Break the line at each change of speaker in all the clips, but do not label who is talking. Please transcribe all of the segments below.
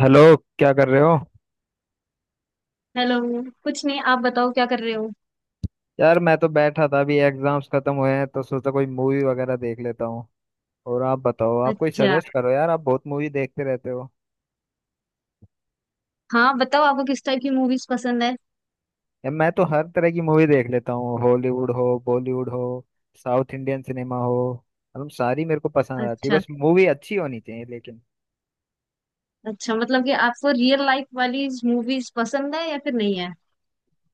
Hello. क्या कर रहे हो?
हेलो। कुछ नहीं, आप बताओ क्या कर रहे हो।
यार मैं तो बैठा था, अभी एग्जाम्स खत्म हुए हैं तो सोचा कोई मूवी वगैरह देख लेता हूँ। और आप बताओ, आप कोई
अच्छा।
सजेस्ट करो यार, आप बहुत मूवी देखते रहते हो।
हाँ, बताओ आपको किस टाइप की मूवीज पसंद है।
यार मैं तो हर तरह की मूवी देख लेता हूँ, हॉलीवुड हो, बॉलीवुड हो, साउथ इंडियन सिनेमा हो, मतलब सारी मेरे को पसंद आती है,
अच्छा।
बस मूवी अच्छी होनी चाहिए लेकिन।
अच्छा, मतलब कि आपको रियल लाइफ वाली मूवीज पसंद है या फिर नहीं है।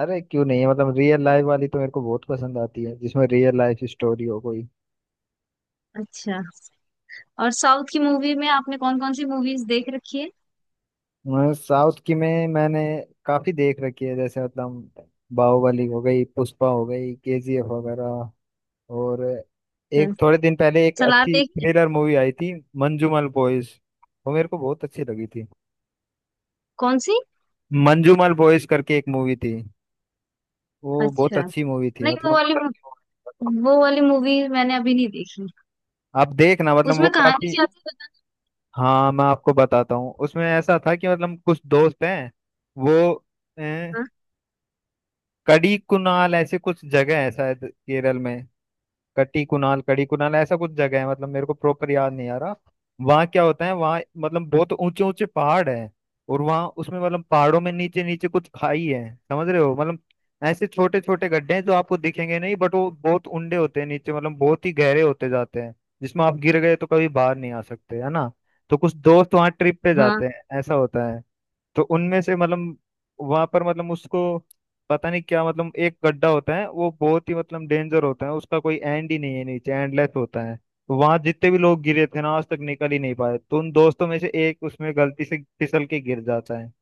अरे क्यों नहीं है, मतलब रियल लाइफ वाली तो मेरे को बहुत पसंद आती है, जिसमें रियल लाइफ स्टोरी हो कोई।
अच्छा। और साउथ की मूवी में आपने कौन कौन सी मूवीज देख रखी है।
साउथ की में मैंने काफी देख रखी है, जैसे मतलब बाहुबली हो गई, पुष्पा हो गई, केजीएफ वगैरह। और एक
अच्छा,
थोड़े दिन पहले एक
सलार
अच्छी
देखी है?
थ्रिलर मूवी आई थी, मंजूमल बॉयज, वो मेरे को बहुत अच्छी लगी थी।
कौन सी।
मंजूमल बॉयज करके एक मूवी थी, वो बहुत
अच्छा।
अच्छी मूवी थी
नहीं,
मतलब।
वो वाली मूवी मैंने अभी नहीं देखी।
आप देखना, मतलब वो
उसमें कहानी
काफी।
क्या थी।
हाँ मैं आपको बताता हूँ, उसमें ऐसा था कि मतलब कुछ दोस्त हैं, वो अ,
बताना।
कड़ी कुनाल ऐसे कुछ जगह है शायद केरल में। कटी कुणाल, कड़ी कुणाल, ऐसा कुछ जगह है, मतलब मेरे को प्रॉपर याद नहीं आ रहा। वहाँ क्या होता है, वहाँ मतलब बहुत ऊंचे ऊंचे पहाड़ है, और वहाँ उसमें मतलब पहाड़ों में नीचे नीचे कुछ खाई है, समझ रहे हो मतलब। ऐसे छोटे छोटे गड्ढे हैं जो आपको दिखेंगे नहीं, बट वो बहुत उंडे होते हैं नीचे, मतलब बहुत ही गहरे होते जाते हैं, जिसमें आप गिर गए तो कभी बाहर नहीं आ सकते, है ना? तो कुछ दोस्त वहाँ ट्रिप पे
हाँ।
जाते हैं, ऐसा होता है। तो उनमें से मतलब, वहां पर मतलब उसको पता नहीं क्या, मतलब एक गड्ढा होता है वो बहुत ही मतलब डेंजर होता है, उसका कोई एंड ही नहीं है नीचे, एंडलेस होता है, तो वहां जितने भी लोग गिरे थे ना आज तक निकल ही नहीं पाए, तो उन दोस्तों में से एक उसमें गलती से फिसल के गिर जाता है।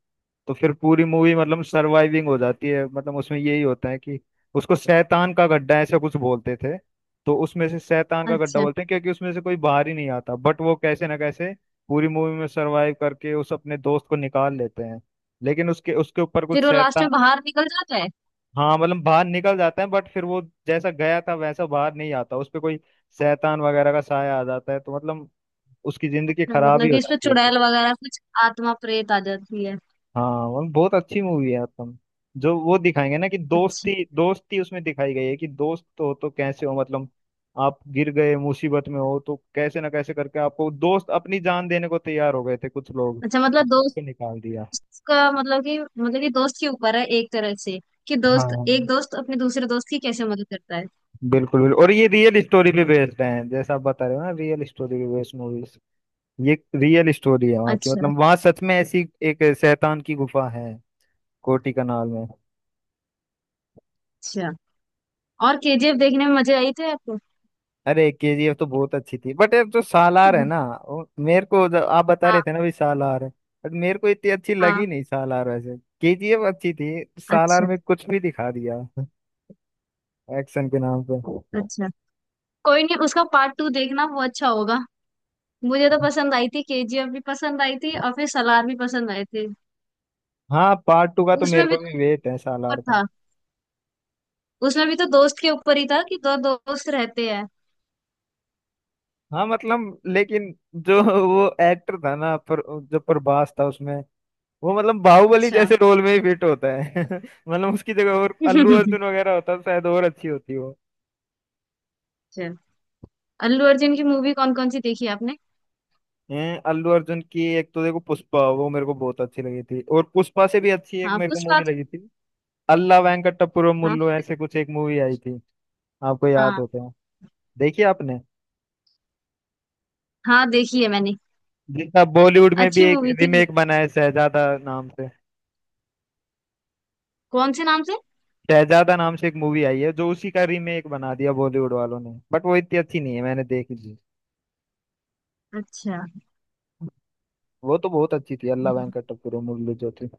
तो फिर पूरी मूवी मतलब सरवाइविंग हो जाती है, मतलब उसमें यही होता है कि उसको शैतान का गड्ढा ऐसा कुछ बोलते थे। तो उसमें से शैतान का गड्ढा
अच्छा।
बोलते हैं क्योंकि उसमें से कोई बाहर ही नहीं आता, बट वो कैसे ना कैसे पूरी मूवी में सरवाइव करके उस अपने दोस्त को निकाल लेते हैं। लेकिन उसके उसके ऊपर
फिर
कुछ
वो लास्ट
शैतान।
में बाहर निकल जाता है।
हाँ मतलब बाहर निकल जाते हैं, बट फिर वो जैसा गया था वैसा बाहर नहीं आता, उस पे कोई शैतान वगैरह का साया आ जाता है, तो मतलब उसकी जिंदगी
अच्छा,
खराब ही
मतलब कि
हो
इसमें
जाती है।
चुड़ैल वगैरह कुछ आत्मा प्रेत आ जाती है।
हाँ वो बहुत अच्छी मूवी है। आत्म, जो वो दिखाएंगे ना कि
अच्छा।
दोस्ती, दोस्ती उसमें दिखाई गई है कि दोस्त हो तो कैसे हो, मतलब आप गिर गए, मुसीबत में हो, तो कैसे ना कैसे करके आपको दोस्त अपनी जान देने को तैयार हो गए थे कुछ लोग,
अच्छा, मतलब दोस्त
उसको निकाल दिया।
का मतलब कि दोस्त के ऊपर है एक तरह से, कि दोस्त
हाँ
एक दोस्त अपने दूसरे दोस्त की कैसे मदद करता है।
बिल्कुल बिल्कुल, और ये रियल स्टोरी पे बेस्ड है, जैसा आप बता रहे हो ना, रियल स्टोरी पे बेस्ड मूवीज, ये रियल स्टोरी है वहाँ की,
अच्छा।
मतलब वहाँ सच में ऐसी एक शैतान की गुफा है, कोटी कनाल में।
अच्छा। और KGF देखने में मजे आई थे आपको।
अरे केजीएफ तो बहुत अच्छी थी, बट यार जो सालार है ना, वो मेरे को, जो आप बता रहे
हाँ।
थे ना भी सालार है, बट मेरे को इतनी अच्छी लगी
हाँ।
नहीं सालार। वैसे केजीएफ अच्छी थी, सालार
अच्छा।
में कुछ भी दिखा दिया एक्शन के नाम पे।
अच्छा, कोई नहीं, उसका पार्ट टू देखना, वो अच्छा होगा। मुझे तो पसंद आई थी, KGF भी पसंद आई थी और फिर सलार भी पसंद आए थे।
हाँ पार्ट टू का तो मेरे
उसमें भी
को
तो
भी वेट है
ऊपर
सालार का।
था, उसमें भी तो दोस्त के ऊपर ही था, कि दो दोस्त रहते हैं।
हाँ मतलब, लेकिन जो वो एक्टर था ना, पर जो प्रभास था उसमें, वो मतलब बाहुबली
अच्छा।
जैसे रोल में ही फिट होता है मतलब उसकी जगह और अल्लू
अच्छा।
अर्जुन वगैरह होता तो शायद और अच्छी होती वो।
अल्लू अर्जुन की मूवी कौन कौन सी देखी आपने।
हैं अल्लू अर्जुन की एक तो देखो पुष्पा, वो मेरे को बहुत अच्छी लगी थी, और पुष्पा से भी अच्छी एक
हाँ
मेरे को
पुष्पा।
मूवी लगी थी, अल्ला वेंकटपुरम
हाँ।
मुल्लू ऐसे कुछ एक मूवी आई थी, आपको याद
हाँ।
होते हो, देखिए आपने।
हाँ देखी है मैंने।
जिसका बॉलीवुड में भी
अच्छी
एक
मूवी थी वो।
रीमेक बना है शहजादा नाम से।
कौन से नाम से।
शहजादा नाम से एक मूवी आई है जो उसी का रीमेक बना दिया बॉलीवुड वालों ने, बट वो इतनी अच्छी नहीं है, मैंने देखी थी।
अच्छा।
वो तो बहुत अच्छी थी अल्ला वेंकटपुरम मुल्लू जो थी।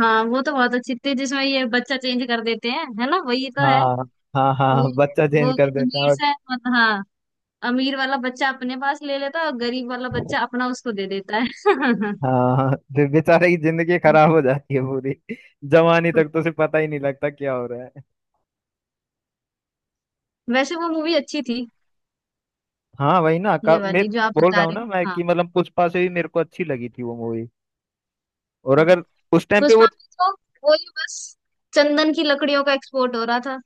हाँ, वो तो बहुत अच्छी थी, जिसमें ये बच्चा चेंज कर देते हैं, है ना, वही तो है।
हाँ हाँ
वो
हाँ, बच्चा
वो
चेंज कर देता
अमीर
है।
सा, मतलब हाँ, अमीर वाला बच्चा अपने पास ले लेता है और गरीब वाला बच्चा अपना उसको दे देता है।
हाँ फिर बेचारे की जिंदगी खराब हो जाती है पूरी, जवानी तक तो उसे पता ही नहीं लगता क्या हो रहा है।
वैसे वो मूवी अच्छी थी।
हाँ वही ना
ये
मैं
वाली जो आप
बोल
बता
रहा हूँ
रहे
ना मैं
हो, हाँ।
कि मतलब पुष्पा से भी मेरे को अच्छी लगी थी वो मूवी, और
हाँ।
अगर उस टाइम पे वो।
पुष्पा में तो वही बस चंदन की लकड़ियों का एक्सपोर्ट हो रहा था।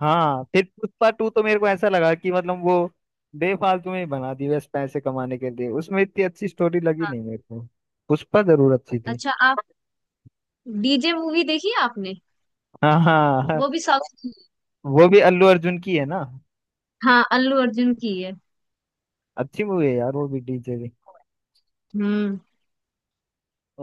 हाँ फिर पुष्पा टू तो मेरे को ऐसा लगा कि मतलब वो बेफालतू में ही बना दी, बस पैसे कमाने के लिए, उसमें इतनी अच्छी स्टोरी लगी
हाँ।
नहीं मेरे को। पुष्पा जरूर अच्छी थी।
अच्छा, आप DJ मूवी देखी है आपने।
हाँ हाँ,
वो भी साउथ।
वो भी अल्लू अर्जुन की है ना।
हाँ, अल्लू अर्जुन की है।
अच्छी मूवी है यार, वो भी डीजे भी,
हम्म।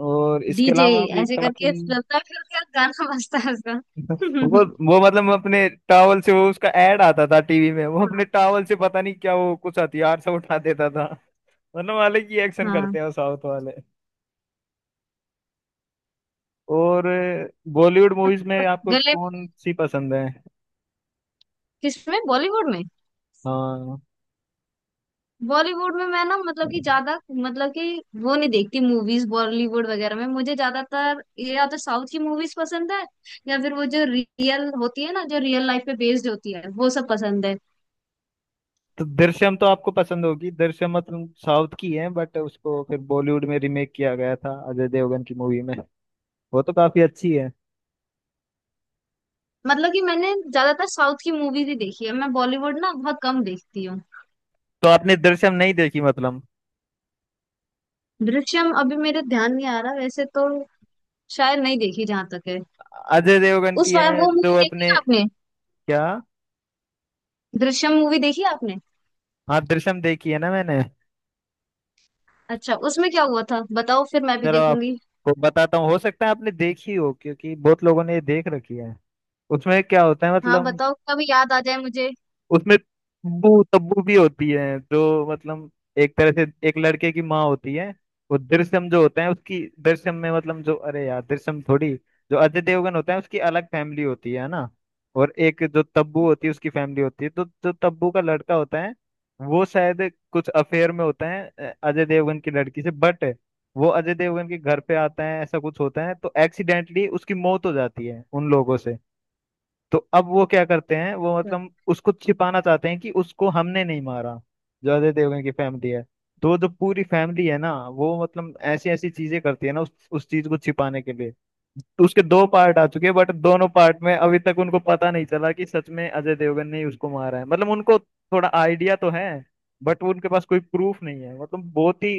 और इसके
डीजे
अलावा भी
ऐसे
काफी।
करके चलता है, फिर उसका गाना बजता है उसका।
वो वो मतलब, मैं अपने टावल से, वो उसका एड आता था टीवी में, वो अपने टावल से पता नहीं क्या, वो कुछ हथियार से उठा देता था। मतलब अलग ही
हाँ,
एक्शन
हाँ।
करते हैं वो साउथ वाले। और बॉलीवुड मूवीज
तो
में आपको
गले में।
कौन सी पसंद है?
किसमें, बॉलीवुड में?
हाँ
बॉलीवुड में मैं ना, मतलब कि ज्यादा, मतलब कि वो नहीं देखती मूवीज बॉलीवुड वगैरह में, मुझे ज्यादातर ये या तो साउथ की मूवीज पसंद है, या फिर वो जो रियल होती है ना, जो रियल लाइफ पे बेस्ड होती है, वो सब पसंद है।
तो दृश्यम तो आपको पसंद होगी, दृश्यम मतलब साउथ की है, बट उसको फिर बॉलीवुड में रीमेक किया गया था अजय देवगन की मूवी में, वो तो काफी अच्छी है।
मतलब कि मैंने ज्यादातर साउथ की मूवीज ही देखी है, मैं बॉलीवुड ना बहुत कम देखती हूँ।
तो आपने दृश्यम नहीं देखी मतलब?
दृश्यम अभी मेरे ध्यान नहीं आ रहा वैसे तो, शायद नहीं देखी जहां तक है।
अजय देवगन की
उस वाला,
है
वो
जो
मूवी देखी
अपने।
आपने।
क्या?
दृश्यम मूवी देखी आपने।
हाँ दृश्यम देखी है ना मैंने।
अच्छा, उसमें क्या हुआ था बताओ, फिर मैं भी
चलो
देखूंगी।
आपको बताता हूँ, हो सकता है आपने देखी हो क्योंकि बहुत लोगों ने ये देख रखी है। उसमें क्या होता है
हाँ
मतलब,
बताओ, कभी याद आ जाए मुझे।
उसमें तब्बू तब्बू भी होती है जो, मतलब एक तरह से एक लड़के की माँ होती है। वो दृश्यम जो होते हैं उसकी दृश्यम में, मतलब जो, अरे यार दृश्यम थोड़ी, जो अजय देवगन होता है उसकी अलग फैमिली होती है ना, और एक जो तब्बू होती है उसकी फैमिली होती है, तो जो तब्बू का लड़का होता है, वो शायद कुछ अफेयर में होता है अजय देवगन की लड़की से, बट वो अजय देवगन के घर पे आता है, ऐसा कुछ होता है, तो एक्सीडेंटली उसकी मौत हो जाती है उन लोगों से। तो अब वो क्या करते हैं, वो मतलब उसको छिपाना चाहते हैं कि उसको हमने नहीं मारा, जो अजय देवगन की फैमिली है। तो जो पूरी फैमिली है ना, वो मतलब ऐसी ऐसी चीजें करती है ना उस चीज को छिपाने के लिए। तो उसके दो पार्ट आ चुके हैं, बट दोनों पार्ट में अभी तक उनको पता नहीं चला कि सच में अजय देवगन ने ही उसको मारा है, मतलब उनको थोड़ा आइडिया तो है, बट उनके पास कोई प्रूफ नहीं है, मतलब बहुत ही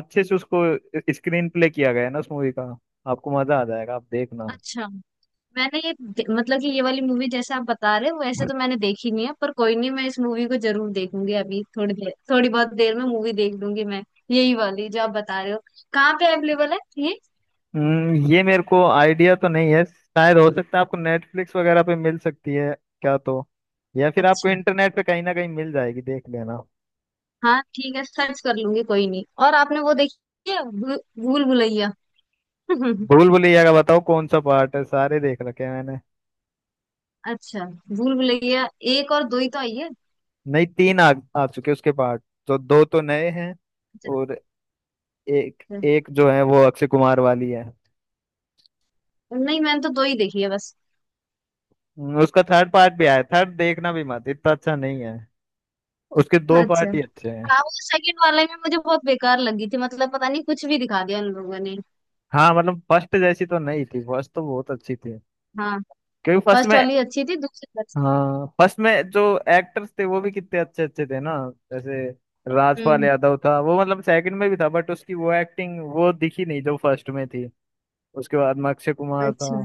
अच्छे से उसको स्क्रीन प्ले किया गया है ना उस मूवी का, आपको मजा आ जाएगा, आप देखना।
अच्छा, मतलब कि ये वाली मूवी जैसे आप बता रहे हो वैसे तो मैंने देखी नहीं है, पर कोई नहीं, मैं इस मूवी को जरूर देखूंगी, अभी थोड़ी देर, थोड़ी बहुत देर में मूवी देख लूंगी मैं। यही वाली जो आप बता रहे हो, कहाँ पे अवेलेबल है ये।
ये मेरे को आइडिया तो नहीं है, शायद हो सकता है आपको नेटफ्लिक्स वगैरह पे मिल सकती है क्या तो, या फिर आपको
अच्छा।
इंटरनेट पे कहीं ना कहीं मिल जाएगी, देख लेना।
हाँ ठीक है, सर्च कर लूंगी, कोई नहीं। और आपने वो देखी है, भूल भुलैया।
भूल भुलैया का बताओ कौन सा पार्ट है, सारे देख रखे हैं मैंने।
अच्छा। भूल भुलैया एक और दो ही तो आई है।
नहीं तीन आ चुके उसके पार्ट, तो दो तो नए हैं,
अच्छा।
और एक
अच्छा।
एक जो है वो अक्षय कुमार वाली है।
नहीं मैंने तो दो ही देखी है बस।
उसका थर्ड पार्ट भी आया, थर्ड देखना भी मत, इतना अच्छा नहीं है, उसके दो
अच्छा
पार्ट ही अच्छे हैं।
हाँ, वो सेकंड वाले में मुझे बहुत बेकार लगी थी, मतलब पता नहीं कुछ भी दिखा दिया उन लोगों ने।
हाँ मतलब फर्स्ट जैसी तो नहीं थी, फर्स्ट तो बहुत अच्छी थी
हाँ,
क्योंकि फर्स्ट
फर्स्ट
में,
वाली अच्छी थी, दूसरी अच्छी।
हाँ फर्स्ट में जो एक्टर्स थे वो भी कितने अच्छे अच्छे थे ना, जैसे राजपाल
हम्म।
यादव था वो, मतलब सेकंड में भी था बट उसकी वो एक्टिंग वो दिखी नहीं जो फर्स्ट में थी। उसके बाद में अक्षय कुमार था।
अच्छा,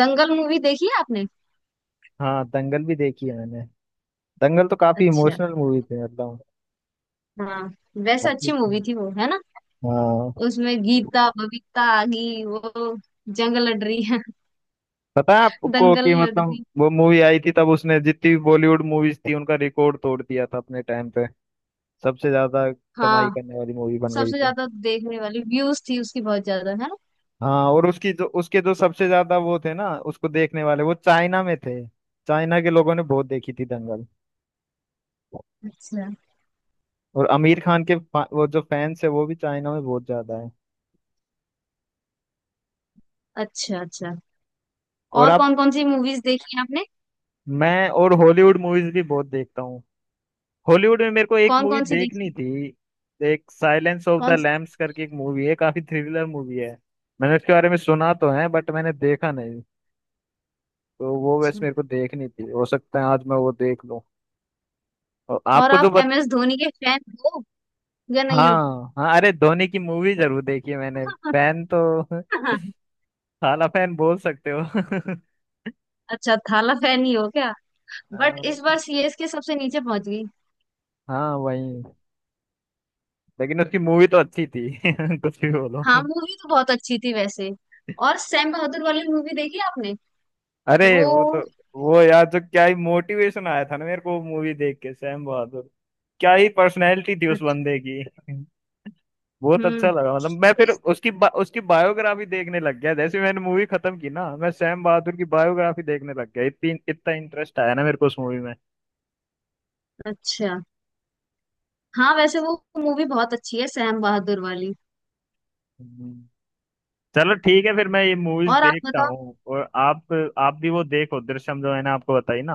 दंगल मूवी देखी है आपने।
हाँ दंगल भी देखी है मैंने। दंगल तो काफी
अच्छा।
इमोशनल मूवी थी मतलब,
हाँ। वैसे
काफी
अच्छी
अच्छी।
मूवी थी वो, है ना।
हाँ,
उसमें गीता बबीता आगी, वो जंग लड़ रही है।
पता है आपको
दंगल
कि
लड़
मतलब
रही।
वो मूवी आई थी तब उसने जितनी भी बॉलीवुड मूवीज थी उनका रिकॉर्ड तोड़ दिया था अपने टाइम पे, सबसे ज्यादा कमाई
हाँ।
करने वाली मूवी बन गई
सबसे
थी।
ज्यादा देखने वाली व्यूज थी उसकी, बहुत ज्यादा है ना।
हाँ, और उसकी जो, उसके जो सबसे ज्यादा वो थे ना उसको देखने वाले, वो चाइना में थे, चाइना के लोगों ने बहुत देखी थी दंगल।
अच्छा,
और आमिर खान के वो जो फैंस है वो भी चाइना में बहुत ज्यादा है।
अच्छा। अच्छा।
और
और
अब
कौन कौन सी मूवीज देखी है आपने।
मैं और हॉलीवुड मूवीज भी बहुत देखता हूँ। हॉलीवुड में मेरे को एक
कौन
मूवी
कौन सी देखी।
देखनी थी, एक साइलेंस ऑफ
कौन
द
सी।
लैम्स करके एक मूवी है, काफी थ्रिलर मूवी है, मैंने उसके बारे में सुना तो है बट मैंने देखा नहीं, तो वो वैसे
अच्छा।
मेरे को देखनी थी, हो सकता है आज मैं वो देख लूँ। और
और
आपको जो।
आप MS धोनी के फैन हो या नहीं हो।
हाँ हाँ, अरे धोनी की मूवी जरूर देखी है मैंने। फैन तो साला फैन बोल सकते हो
अच्छा, थाला फैन ही हो क्या। बट इस बार CSK सबसे नीचे पहुंच गई।
हाँ वही, लेकिन उसकी मूवी तो अच्छी थी कुछ भी बोलो।
हाँ मूवी तो बहुत अच्छी थी वैसे। और सैम बहादुर वाली मूवी देखी आपने।
अरे वो तो,
वो।
वो यार जो क्या ही मोटिवेशन आया था ना मेरे को मूवी देख के सैम बहादुर, क्या ही पर्सनैलिटी थी उस
अच्छा।
बंदे की बहुत अच्छा
हम्म।
लगा मतलब, मैं फिर
इस।
उसकी उसकी बायोग्राफी देखने लग गया, जैसे मैंने मूवी खत्म की ना मैं सैम बहादुर की बायोग्राफी देखने लग गया, इतनी इतना इंटरेस्ट आया ना मेरे को उस मूवी
अच्छा। हाँ वैसे वो मूवी बहुत अच्छी है, सैम बहादुर वाली।
में। चलो ठीक है फिर मैं ये मूवीज
और आप
देखता
बताओ।
हूँ, और आप भी वो देखो दृश्यम जो मैंने आपको बताई ना,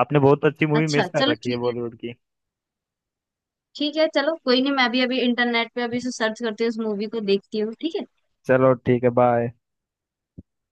आपने बहुत अच्छी मूवी
अच्छा,
मिस कर
चलो
रखी है
ठीक है।
बॉलीवुड की।
ठीक है चलो, कोई नहीं, मैं भी अभी इंटरनेट पे अभी से सर्च करती हूँ, उस मूवी को देखती हूँ, ठीक है।
चलो ठीक है, बाय।